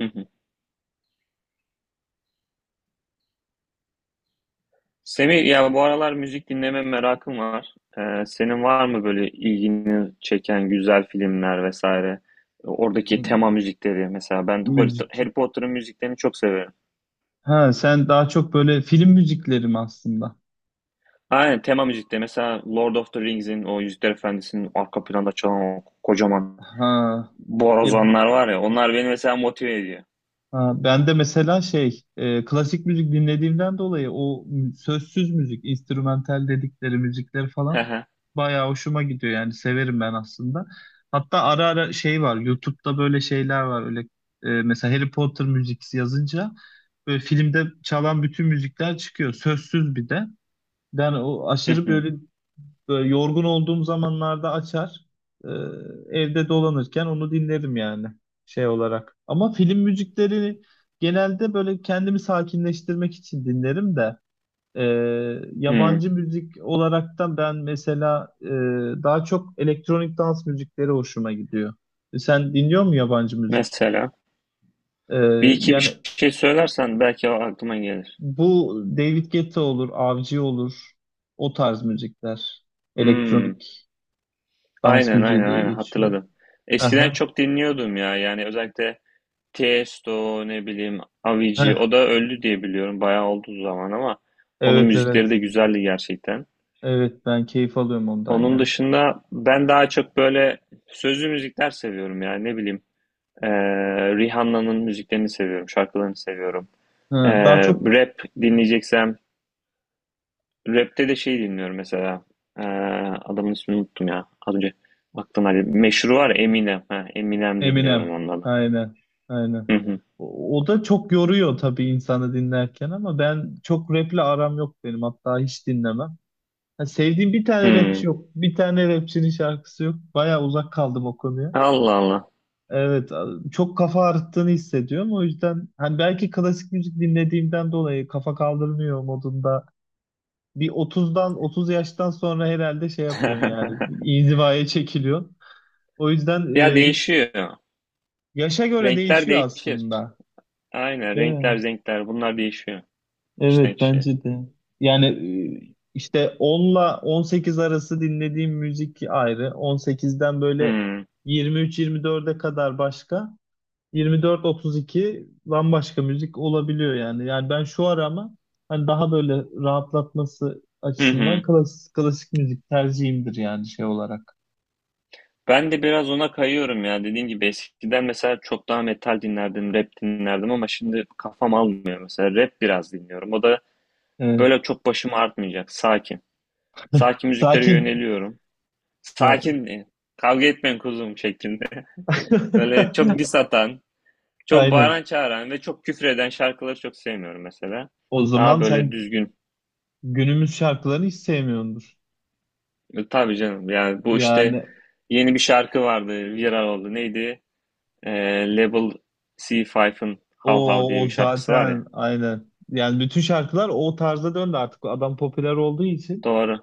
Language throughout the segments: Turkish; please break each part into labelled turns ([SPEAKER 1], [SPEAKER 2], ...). [SPEAKER 1] Hı hı. Semih ya bu aralar müzik dinleme merakım var. Senin var mı böyle ilgini çeken güzel filmler vesaire? Oradaki tema müzikleri mesela ben Harry
[SPEAKER 2] Müzik.
[SPEAKER 1] Harry Potter'ın müziklerini çok severim.
[SPEAKER 2] Ha sen daha çok böyle film müzikleri mi aslında?
[SPEAKER 1] Aynen tema müzikleri mesela Lord of the Rings'in o Yüzükler Efendisi'nin arka planda çalan o kocaman
[SPEAKER 2] Ha. E,
[SPEAKER 1] borazanlar var ya onlar beni mesela motive ediyor.
[SPEAKER 2] ha, ben de mesela şey klasik müzik dinlediğimden dolayı o sözsüz müzik, instrumental dedikleri müzikler
[SPEAKER 1] Hı
[SPEAKER 2] falan
[SPEAKER 1] hı.
[SPEAKER 2] bayağı hoşuma gidiyor yani severim ben aslında. Hatta ara ara şey var YouTube'da böyle şeyler var öyle mesela Harry Potter müziksi yazınca böyle filmde çalan bütün müzikler çıkıyor sözsüz bir de. Ben o
[SPEAKER 1] Hı
[SPEAKER 2] aşırı
[SPEAKER 1] hı.
[SPEAKER 2] böyle Böyle yorgun olduğum zamanlarda açar. e, Evde dolanırken onu dinlerim yani şey olarak. Ama film müzikleri genelde böyle kendimi sakinleştirmek için dinlerim de e,
[SPEAKER 1] Hı.
[SPEAKER 2] yabancı müzik olarak da ben mesela daha çok elektronik dans müzikleri hoşuma gidiyor. Sen dinliyor musun yabancı müzik?
[SPEAKER 1] Mesela
[SPEAKER 2] E,
[SPEAKER 1] bir iki
[SPEAKER 2] Yani
[SPEAKER 1] bir şey söylersen belki aklıma gelir.
[SPEAKER 2] bu David Guetta olur, Avcı olur. O tarz müzikler.
[SPEAKER 1] Hmm.
[SPEAKER 2] Elektronik dans
[SPEAKER 1] Aynen,
[SPEAKER 2] müziği
[SPEAKER 1] aynen,
[SPEAKER 2] diye
[SPEAKER 1] aynen,
[SPEAKER 2] geçiyor.
[SPEAKER 1] hatırladım. Eskiden
[SPEAKER 2] Aha.
[SPEAKER 1] çok dinliyordum ya, yani özellikle Tiesto, ne bileyim,
[SPEAKER 2] Heh,
[SPEAKER 1] Avicii, o da öldü diye biliyorum, bayağı oldu zaman, ama onun
[SPEAKER 2] evet,
[SPEAKER 1] müzikleri
[SPEAKER 2] evet.
[SPEAKER 1] de güzeldi gerçekten.
[SPEAKER 2] Evet, ben keyif alıyorum ondan
[SPEAKER 1] Onun
[SPEAKER 2] ya.
[SPEAKER 1] dışında ben daha çok böyle sözlü müzikler seviyorum, yani ne bileyim, eee, Rihanna'nın müziklerini seviyorum, şarkılarını seviyorum.
[SPEAKER 2] Ha, daha
[SPEAKER 1] Eee,
[SPEAKER 2] çok
[SPEAKER 1] rap dinleyeceksem, Rap'te de şey dinliyorum mesela. Ee, adamın ismini unuttum ya. Az önce aklına geldi. Meşhur var, Eminem. Ha, Eminem dinliyorum
[SPEAKER 2] Eminem.
[SPEAKER 1] ondan.
[SPEAKER 2] Aynen. Aynen.
[SPEAKER 1] Hı hı.
[SPEAKER 2] O, o da çok yoruyor tabii insanı dinlerken, ama ben çok rap'le aram yok benim. Hatta hiç dinlemem. Ha, sevdiğim bir tane rapçi
[SPEAKER 1] Hı.
[SPEAKER 2] yok. Bir tane rapçinin şarkısı yok. Baya uzak kaldım o konuya.
[SPEAKER 1] Allah Allah.
[SPEAKER 2] Evet, çok kafa ağrıttığını hissediyorum. O yüzden hani belki klasik müzik dinlediğimden dolayı kafa kaldırmıyor modunda, bir otuzdan 30 yaştan sonra herhalde şey yapıyorsun yani inzivaya çekiliyorsun. O yüzden
[SPEAKER 1] Ya, değişiyor.
[SPEAKER 2] yaşa göre
[SPEAKER 1] Renkler
[SPEAKER 2] değişiyor
[SPEAKER 1] değişir.
[SPEAKER 2] aslında.
[SPEAKER 1] Aynen,
[SPEAKER 2] Evet,
[SPEAKER 1] renkler renkler bunlar değişiyor. İşten
[SPEAKER 2] evet
[SPEAKER 1] kişiye.
[SPEAKER 2] bence de. Yani işte onla 18 arası dinlediğim müzik ayrı. On sekizden böyle
[SPEAKER 1] Hı.
[SPEAKER 2] 23-24'e kadar başka. 24-32 bambaşka müzik olabiliyor yani. Yani ben şu ara ama hani daha böyle rahatlatması
[SPEAKER 1] Hı
[SPEAKER 2] açısından
[SPEAKER 1] hı.
[SPEAKER 2] klasik müzik tercihimdir yani şey olarak.
[SPEAKER 1] Ben de biraz ona kayıyorum ya. Dediğim gibi eskiden mesela çok daha metal dinlerdim, rap dinlerdim, ama şimdi kafam almıyor mesela. Rap biraz dinliyorum. O da
[SPEAKER 2] Evet.
[SPEAKER 1] böyle çok başımı artmayacak. Sakin. Sakin müziklere
[SPEAKER 2] Sakin.
[SPEAKER 1] yöneliyorum.
[SPEAKER 2] Ha.
[SPEAKER 1] Sakin, kavga etmeyin kuzum şeklinde. Böyle çok diss atan, çok
[SPEAKER 2] Aynen.
[SPEAKER 1] bağıran çağıran ve çok küfür eden şarkıları çok sevmiyorum mesela.
[SPEAKER 2] O
[SPEAKER 1] Daha
[SPEAKER 2] zaman
[SPEAKER 1] böyle
[SPEAKER 2] sen
[SPEAKER 1] düzgün.
[SPEAKER 2] günümüz şarkılarını hiç sevmiyordur.
[SPEAKER 1] Tabii canım, yani bu işte,
[SPEAKER 2] Yani
[SPEAKER 1] yeni bir şarkı vardı, viral oldu. Neydi? E, Level C5'ın How How
[SPEAKER 2] o,
[SPEAKER 1] diye
[SPEAKER 2] o
[SPEAKER 1] bir şarkısı var ya.
[SPEAKER 2] zaten aynen. Yani bütün şarkılar o tarza döndü artık. Adam popüler olduğu için
[SPEAKER 1] Doğru,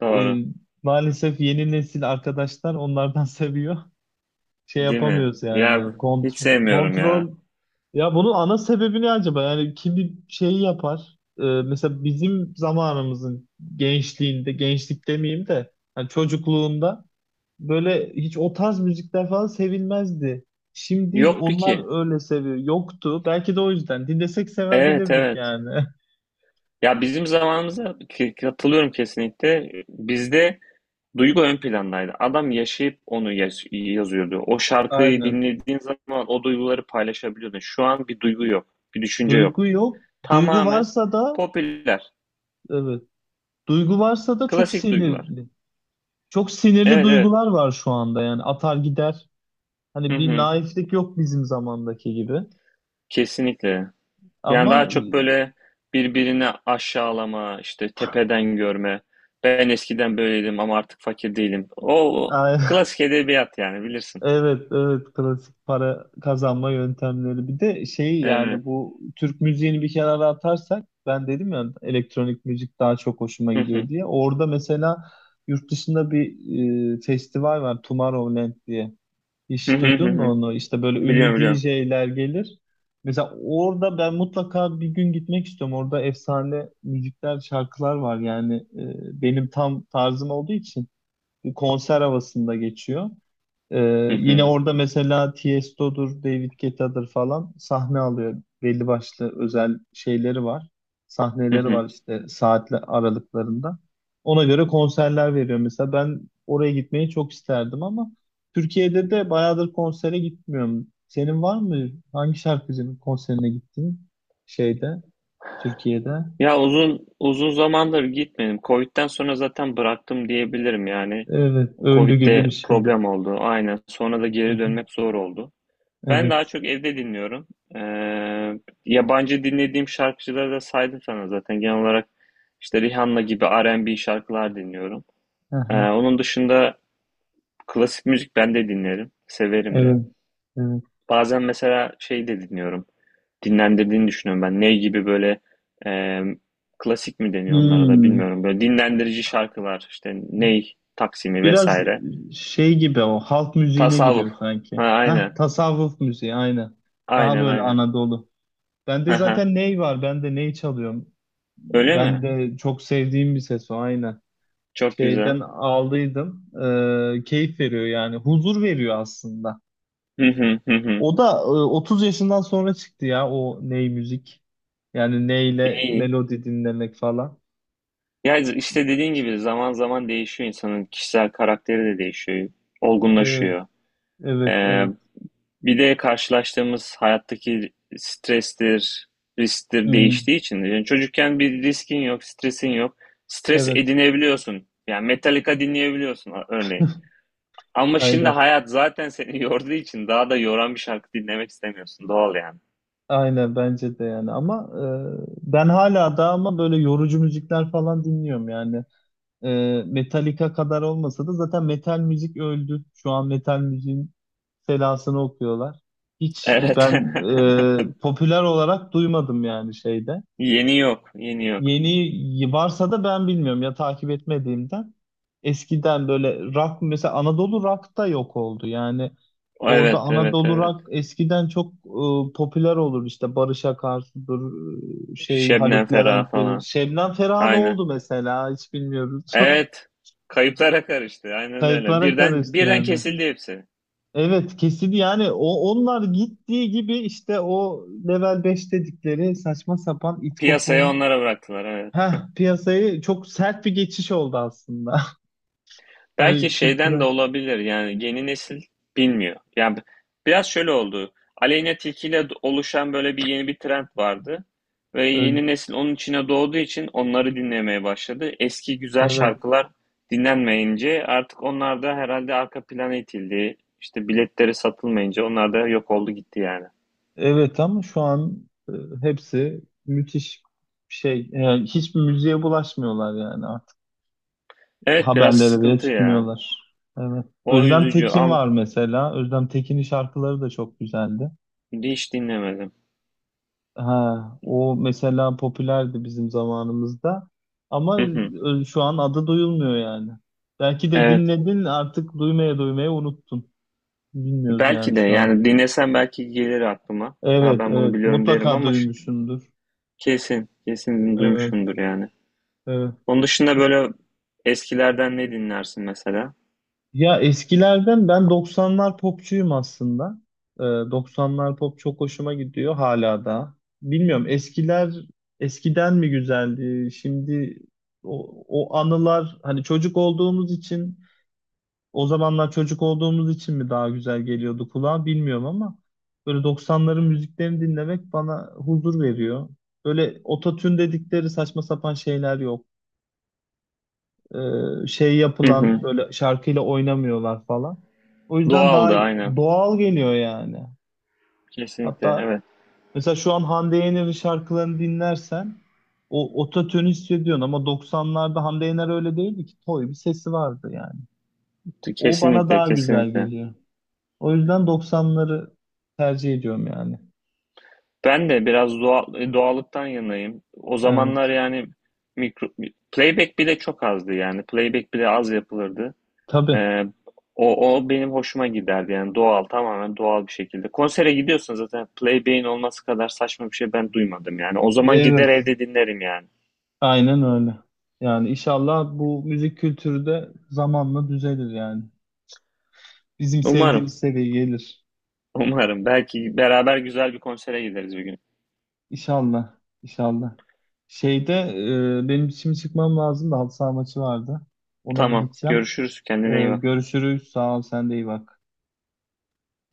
[SPEAKER 1] doğru.
[SPEAKER 2] e, maalesef yeni nesil arkadaşlar onlardan seviyor. Şey
[SPEAKER 1] Değil mi?
[SPEAKER 2] yapamıyoruz
[SPEAKER 1] Ya
[SPEAKER 2] yani.
[SPEAKER 1] hiç
[SPEAKER 2] Kontrol
[SPEAKER 1] sevmiyorum ya.
[SPEAKER 2] kontrol. Ya bunun ana sebebi ne acaba? Yani kim şeyi yapar? Mesela bizim zamanımızın gençliğinde, gençlik demeyeyim de hani çocukluğunda böyle hiç o tarz müzikler falan sevilmezdi. Şimdi
[SPEAKER 1] Yoktu ki.
[SPEAKER 2] onlar öyle seviyor. Yoktu. Belki de o yüzden. Dinlesek
[SPEAKER 1] Evet,
[SPEAKER 2] sevebilirdik
[SPEAKER 1] evet.
[SPEAKER 2] yani.
[SPEAKER 1] Ya bizim zamanımıza katılıyorum kesinlikle. Bizde duygu ön plandaydı. Adam yaşayıp onu yazıyordu. O şarkıyı
[SPEAKER 2] Aynen.
[SPEAKER 1] dinlediğin zaman o duyguları paylaşabiliyordun. Şu an bir duygu yok, bir düşünce yok.
[SPEAKER 2] Duygu yok. Duygu
[SPEAKER 1] Tamamen
[SPEAKER 2] varsa da
[SPEAKER 1] popüler,
[SPEAKER 2] evet. Duygu varsa da çok
[SPEAKER 1] klasik duygular.
[SPEAKER 2] sinirli. Çok sinirli
[SPEAKER 1] Evet, evet.
[SPEAKER 2] duygular var şu anda yani. Atar gider.
[SPEAKER 1] Hı
[SPEAKER 2] Hani bir
[SPEAKER 1] hı.
[SPEAKER 2] naiflik yok bizim zamandaki gibi.
[SPEAKER 1] Kesinlikle. Yani
[SPEAKER 2] Ama
[SPEAKER 1] daha çok böyle birbirini aşağılama, işte tepeden görme. Ben eskiden böyleydim ama artık fakir değilim. O
[SPEAKER 2] Ay,
[SPEAKER 1] klasik edebiyat, yani bilirsin.
[SPEAKER 2] evet, evet klasik para kazanma yöntemleri. Bir de şey yani
[SPEAKER 1] Evet.
[SPEAKER 2] bu Türk müziğini bir kenara atarsak, ben dedim ya elektronik müzik daha çok hoşuma gidiyor diye. Orada mesela yurt dışında bir festival var, Tomorrowland diye.
[SPEAKER 1] Hı
[SPEAKER 2] Hiç
[SPEAKER 1] hı, hı
[SPEAKER 2] duydun mu
[SPEAKER 1] hı.
[SPEAKER 2] onu? İşte böyle
[SPEAKER 1] Biliyorum,
[SPEAKER 2] ünlü D
[SPEAKER 1] biliyorum.
[SPEAKER 2] J'ler gelir. Mesela orada ben mutlaka bir gün gitmek istiyorum. Orada efsane müzikler, şarkılar var yani benim tam tarzım olduğu için. Bir konser havasında geçiyor. Ee,
[SPEAKER 1] Hı
[SPEAKER 2] yine
[SPEAKER 1] hı.
[SPEAKER 2] orada mesela Tiesto'dur, David Guetta'dır falan sahne alıyor. Belli başlı özel şeyleri var.
[SPEAKER 1] Hı
[SPEAKER 2] Sahneleri
[SPEAKER 1] hı.
[SPEAKER 2] var işte saatli aralıklarında. Ona göre konserler veriyor. Mesela ben oraya gitmeyi çok isterdim ama Türkiye'de de bayağıdır konsere gitmiyorum. Senin var mı? Hangi şarkıcının konserine gittin? Şeyde, Türkiye'de.
[SPEAKER 1] Ya uzun uzun zamandır gitmedim. Covid'den sonra zaten bıraktım diyebilirim yani.
[SPEAKER 2] Evet, öldü gibi
[SPEAKER 1] Covid'de
[SPEAKER 2] bir şey.
[SPEAKER 1] problem oldu. Aynen. Sonra da
[SPEAKER 2] Hı
[SPEAKER 1] geri
[SPEAKER 2] hı.
[SPEAKER 1] dönmek zor oldu. Ben daha
[SPEAKER 2] Evet.
[SPEAKER 1] çok evde dinliyorum. Ee, yabancı dinlediğim şarkıcıları da saydım sana zaten. Genel olarak işte Rihanna gibi R&B şarkılar dinliyorum.
[SPEAKER 2] Hı
[SPEAKER 1] Ee,
[SPEAKER 2] hı.
[SPEAKER 1] onun dışında klasik müzik ben de dinlerim. Severim de.
[SPEAKER 2] Evet. Evet.
[SPEAKER 1] Bazen mesela şey de dinliyorum. Dinlendirdiğini düşünüyorum ben. Ney gibi böyle, emm, klasik mi deniyor onlara da
[SPEAKER 2] Hmm.
[SPEAKER 1] bilmiyorum. Böyle dinlendirici şarkılar, işte Ney, Taksim'i
[SPEAKER 2] Biraz
[SPEAKER 1] vs.
[SPEAKER 2] şey gibi o halk müziğine
[SPEAKER 1] Tasavvuf.
[SPEAKER 2] giriyor
[SPEAKER 1] Ha,
[SPEAKER 2] sanki. Hah,
[SPEAKER 1] aynen.
[SPEAKER 2] tasavvuf müziği aynen. Daha
[SPEAKER 1] Aynen,
[SPEAKER 2] böyle
[SPEAKER 1] aynen.
[SPEAKER 2] Anadolu. Bende
[SPEAKER 1] Hı.
[SPEAKER 2] zaten ney var? Ben de ney çalıyorum.
[SPEAKER 1] Öyle
[SPEAKER 2] Ben
[SPEAKER 1] mi?
[SPEAKER 2] de çok sevdiğim bir ses o aynen.
[SPEAKER 1] Çok güzel.
[SPEAKER 2] Şeyden aldıydım. Keyif veriyor yani. Huzur veriyor aslında.
[SPEAKER 1] Hı hı, hı hı.
[SPEAKER 2] O da 30 yaşından sonra çıktı ya o ney müzik. Yani neyle
[SPEAKER 1] İyi.
[SPEAKER 2] melodi dinlemek falan.
[SPEAKER 1] Ya, işte dediğin gibi zaman zaman değişiyor, insanın kişisel karakteri de değişiyor,
[SPEAKER 2] Evet,
[SPEAKER 1] olgunlaşıyor.
[SPEAKER 2] evet,
[SPEAKER 1] Eee
[SPEAKER 2] evet.
[SPEAKER 1] Bir de karşılaştığımız hayattaki strestir, risktir
[SPEAKER 2] Hmm,
[SPEAKER 1] değiştiği için. Yani çocukken bir riskin yok, stresin yok. Stres
[SPEAKER 2] evet.
[SPEAKER 1] edinebiliyorsun. Yani Metallica dinleyebiliyorsun örneğin. Ama şimdi
[SPEAKER 2] Aynen.
[SPEAKER 1] hayat zaten seni yorduğu için daha da yoran bir şarkı dinlemek istemiyorsun. Doğal yani.
[SPEAKER 2] Aynen bence de yani, ama ben hala da ama böyle yorucu müzikler falan dinliyorum yani. E, Metallica kadar olmasa da zaten metal müzik öldü. Şu an metal müziğin selasını okuyorlar. Hiç
[SPEAKER 1] Evet.
[SPEAKER 2] ben popüler olarak duymadım yani şeyde.
[SPEAKER 1] Yeni yok, yeni yok.
[SPEAKER 2] Yeni varsa da ben bilmiyorum ya, takip etmediğimden. Eskiden böyle rock mesela Anadolu rock da yok oldu. Yani orada
[SPEAKER 1] Evet, evet,
[SPEAKER 2] Anadolu
[SPEAKER 1] evet.
[SPEAKER 2] rock eskiden çok popüler olur, işte Barış Akarsu'dur, şey
[SPEAKER 1] Şebnem
[SPEAKER 2] Haluk
[SPEAKER 1] Ferah
[SPEAKER 2] Levent'tir.
[SPEAKER 1] falan.
[SPEAKER 2] Şebnem Ferah
[SPEAKER 1] Aynen.
[SPEAKER 2] oldu mesela, hiç bilmiyoruz.
[SPEAKER 1] Evet. Kayıplara karıştı. Aynen öyle.
[SPEAKER 2] Kayıplara
[SPEAKER 1] Birden
[SPEAKER 2] karıştı
[SPEAKER 1] birden
[SPEAKER 2] yani.
[SPEAKER 1] kesildi hepsi.
[SPEAKER 2] Evet, kesin yani, o onlar gittiği gibi işte o level 5 dedikleri saçma sapan it
[SPEAKER 1] Piyasaya
[SPEAKER 2] kopuğun.
[SPEAKER 1] onlara bıraktılar. Evet.
[SPEAKER 2] Heh, piyasayı çok sert bir geçiş oldu aslında.
[SPEAKER 1] Belki
[SPEAKER 2] Hani
[SPEAKER 1] şeyden de
[SPEAKER 2] kültürel
[SPEAKER 1] olabilir, yani yeni nesil bilmiyor. Yani biraz şöyle oldu. Aleyna Tilki ile oluşan böyle bir yeni bir trend vardı. Ve yeni
[SPEAKER 2] önce.
[SPEAKER 1] nesil onun içine doğduğu için onları dinlemeye başladı. Eski güzel
[SPEAKER 2] Evet.
[SPEAKER 1] şarkılar dinlenmeyince artık onlar da herhalde arka plana itildi. İşte biletleri satılmayınca onlar da yok oldu gitti yani.
[SPEAKER 2] Evet, ama şu an hepsi müthiş bir şey. Yani hiçbir müziğe bulaşmıyorlar yani artık.
[SPEAKER 1] Evet, biraz
[SPEAKER 2] Haberlere bile
[SPEAKER 1] sıkıntı ya.
[SPEAKER 2] çıkmıyorlar. Evet.
[SPEAKER 1] O
[SPEAKER 2] Özlem
[SPEAKER 1] üzücü,
[SPEAKER 2] Tekin
[SPEAKER 1] ama
[SPEAKER 2] var mesela. Özlem Tekin'in şarkıları da çok güzeldi.
[SPEAKER 1] hiç dinlemedim.
[SPEAKER 2] Ha, o mesela popülerdi bizim zamanımızda. Ama
[SPEAKER 1] Hı hı.
[SPEAKER 2] şu an adı duyulmuyor yani. Belki de
[SPEAKER 1] Evet.
[SPEAKER 2] dinledin, artık duymaya duymaya unuttun. Bilmiyoruz yani
[SPEAKER 1] Belki de,
[SPEAKER 2] şu an.
[SPEAKER 1] yani dinlesem belki gelir aklıma. Ha,
[SPEAKER 2] Evet,
[SPEAKER 1] ben bunu
[SPEAKER 2] evet.
[SPEAKER 1] biliyorum derim,
[SPEAKER 2] Mutlaka
[SPEAKER 1] ama
[SPEAKER 2] duymuşumdur.
[SPEAKER 1] kesin kesin
[SPEAKER 2] Evet,
[SPEAKER 1] duymuşumdur yani.
[SPEAKER 2] evet.
[SPEAKER 1] Onun dışında böyle eskilerden ne dinlersin mesela?
[SPEAKER 2] Ya eskilerden ben 90'lar popçuyum aslında. 90'lar pop çok hoşuma gidiyor hala da. Bilmiyorum eskiler eskiden mi güzeldi? Şimdi o anılar hani çocuk olduğumuz için. O zamanlar çocuk olduğumuz için mi daha güzel geliyordu kulağa bilmiyorum, ama böyle 90'ların müziklerini dinlemek bana huzur veriyor. Böyle ototune dedikleri saçma sapan şeyler yok. Şey
[SPEAKER 1] Hı hı.
[SPEAKER 2] yapılan böyle şarkıyla oynamıyorlar falan. O yüzden daha
[SPEAKER 1] Doğaldı aynen.
[SPEAKER 2] doğal geliyor yani.
[SPEAKER 1] Kesinlikle
[SPEAKER 2] Hatta
[SPEAKER 1] evet.
[SPEAKER 2] mesela şu an Hande Yener'in şarkılarını dinlersen o ototune hissediyorsun, ama 90'larda Hande Yener öyle değildi ki. Toy bir sesi vardı yani. O bana
[SPEAKER 1] Kesinlikle,
[SPEAKER 2] daha güzel
[SPEAKER 1] kesinlikle.
[SPEAKER 2] geliyor. O yüzden 90'ları tercih ediyorum yani.
[SPEAKER 1] Ben de biraz doğal, doğallıktan yanayım. O zamanlar
[SPEAKER 2] Evet.
[SPEAKER 1] yani mikro, playback bile çok azdı yani. Playback bile az yapılırdı.
[SPEAKER 2] Tabii.
[SPEAKER 1] Ee, o benim hoşuma giderdi yani, doğal, tamamen doğal bir şekilde. Konsere gidiyorsun, zaten Playbane olması kadar saçma bir şey ben duymadım yani. O zaman gider
[SPEAKER 2] Evet.
[SPEAKER 1] evde dinlerim yani.
[SPEAKER 2] Aynen öyle. Yani inşallah bu müzik kültürü de zamanla düzelir yani. Bizim
[SPEAKER 1] Umarım,
[SPEAKER 2] sevdiğimiz seviyeye gelir.
[SPEAKER 1] umarım. Belki beraber güzel bir konsere gideriz bir gün.
[SPEAKER 2] İnşallah. İnşallah. Şeyde benim şimdi çıkmam lazım da halı saha maçı vardı. Ona bir
[SPEAKER 1] Tamam,
[SPEAKER 2] gideceğim.
[SPEAKER 1] görüşürüz. Kendine iyi bak.
[SPEAKER 2] Görüşürüz. Sağ ol. Sen de iyi bak.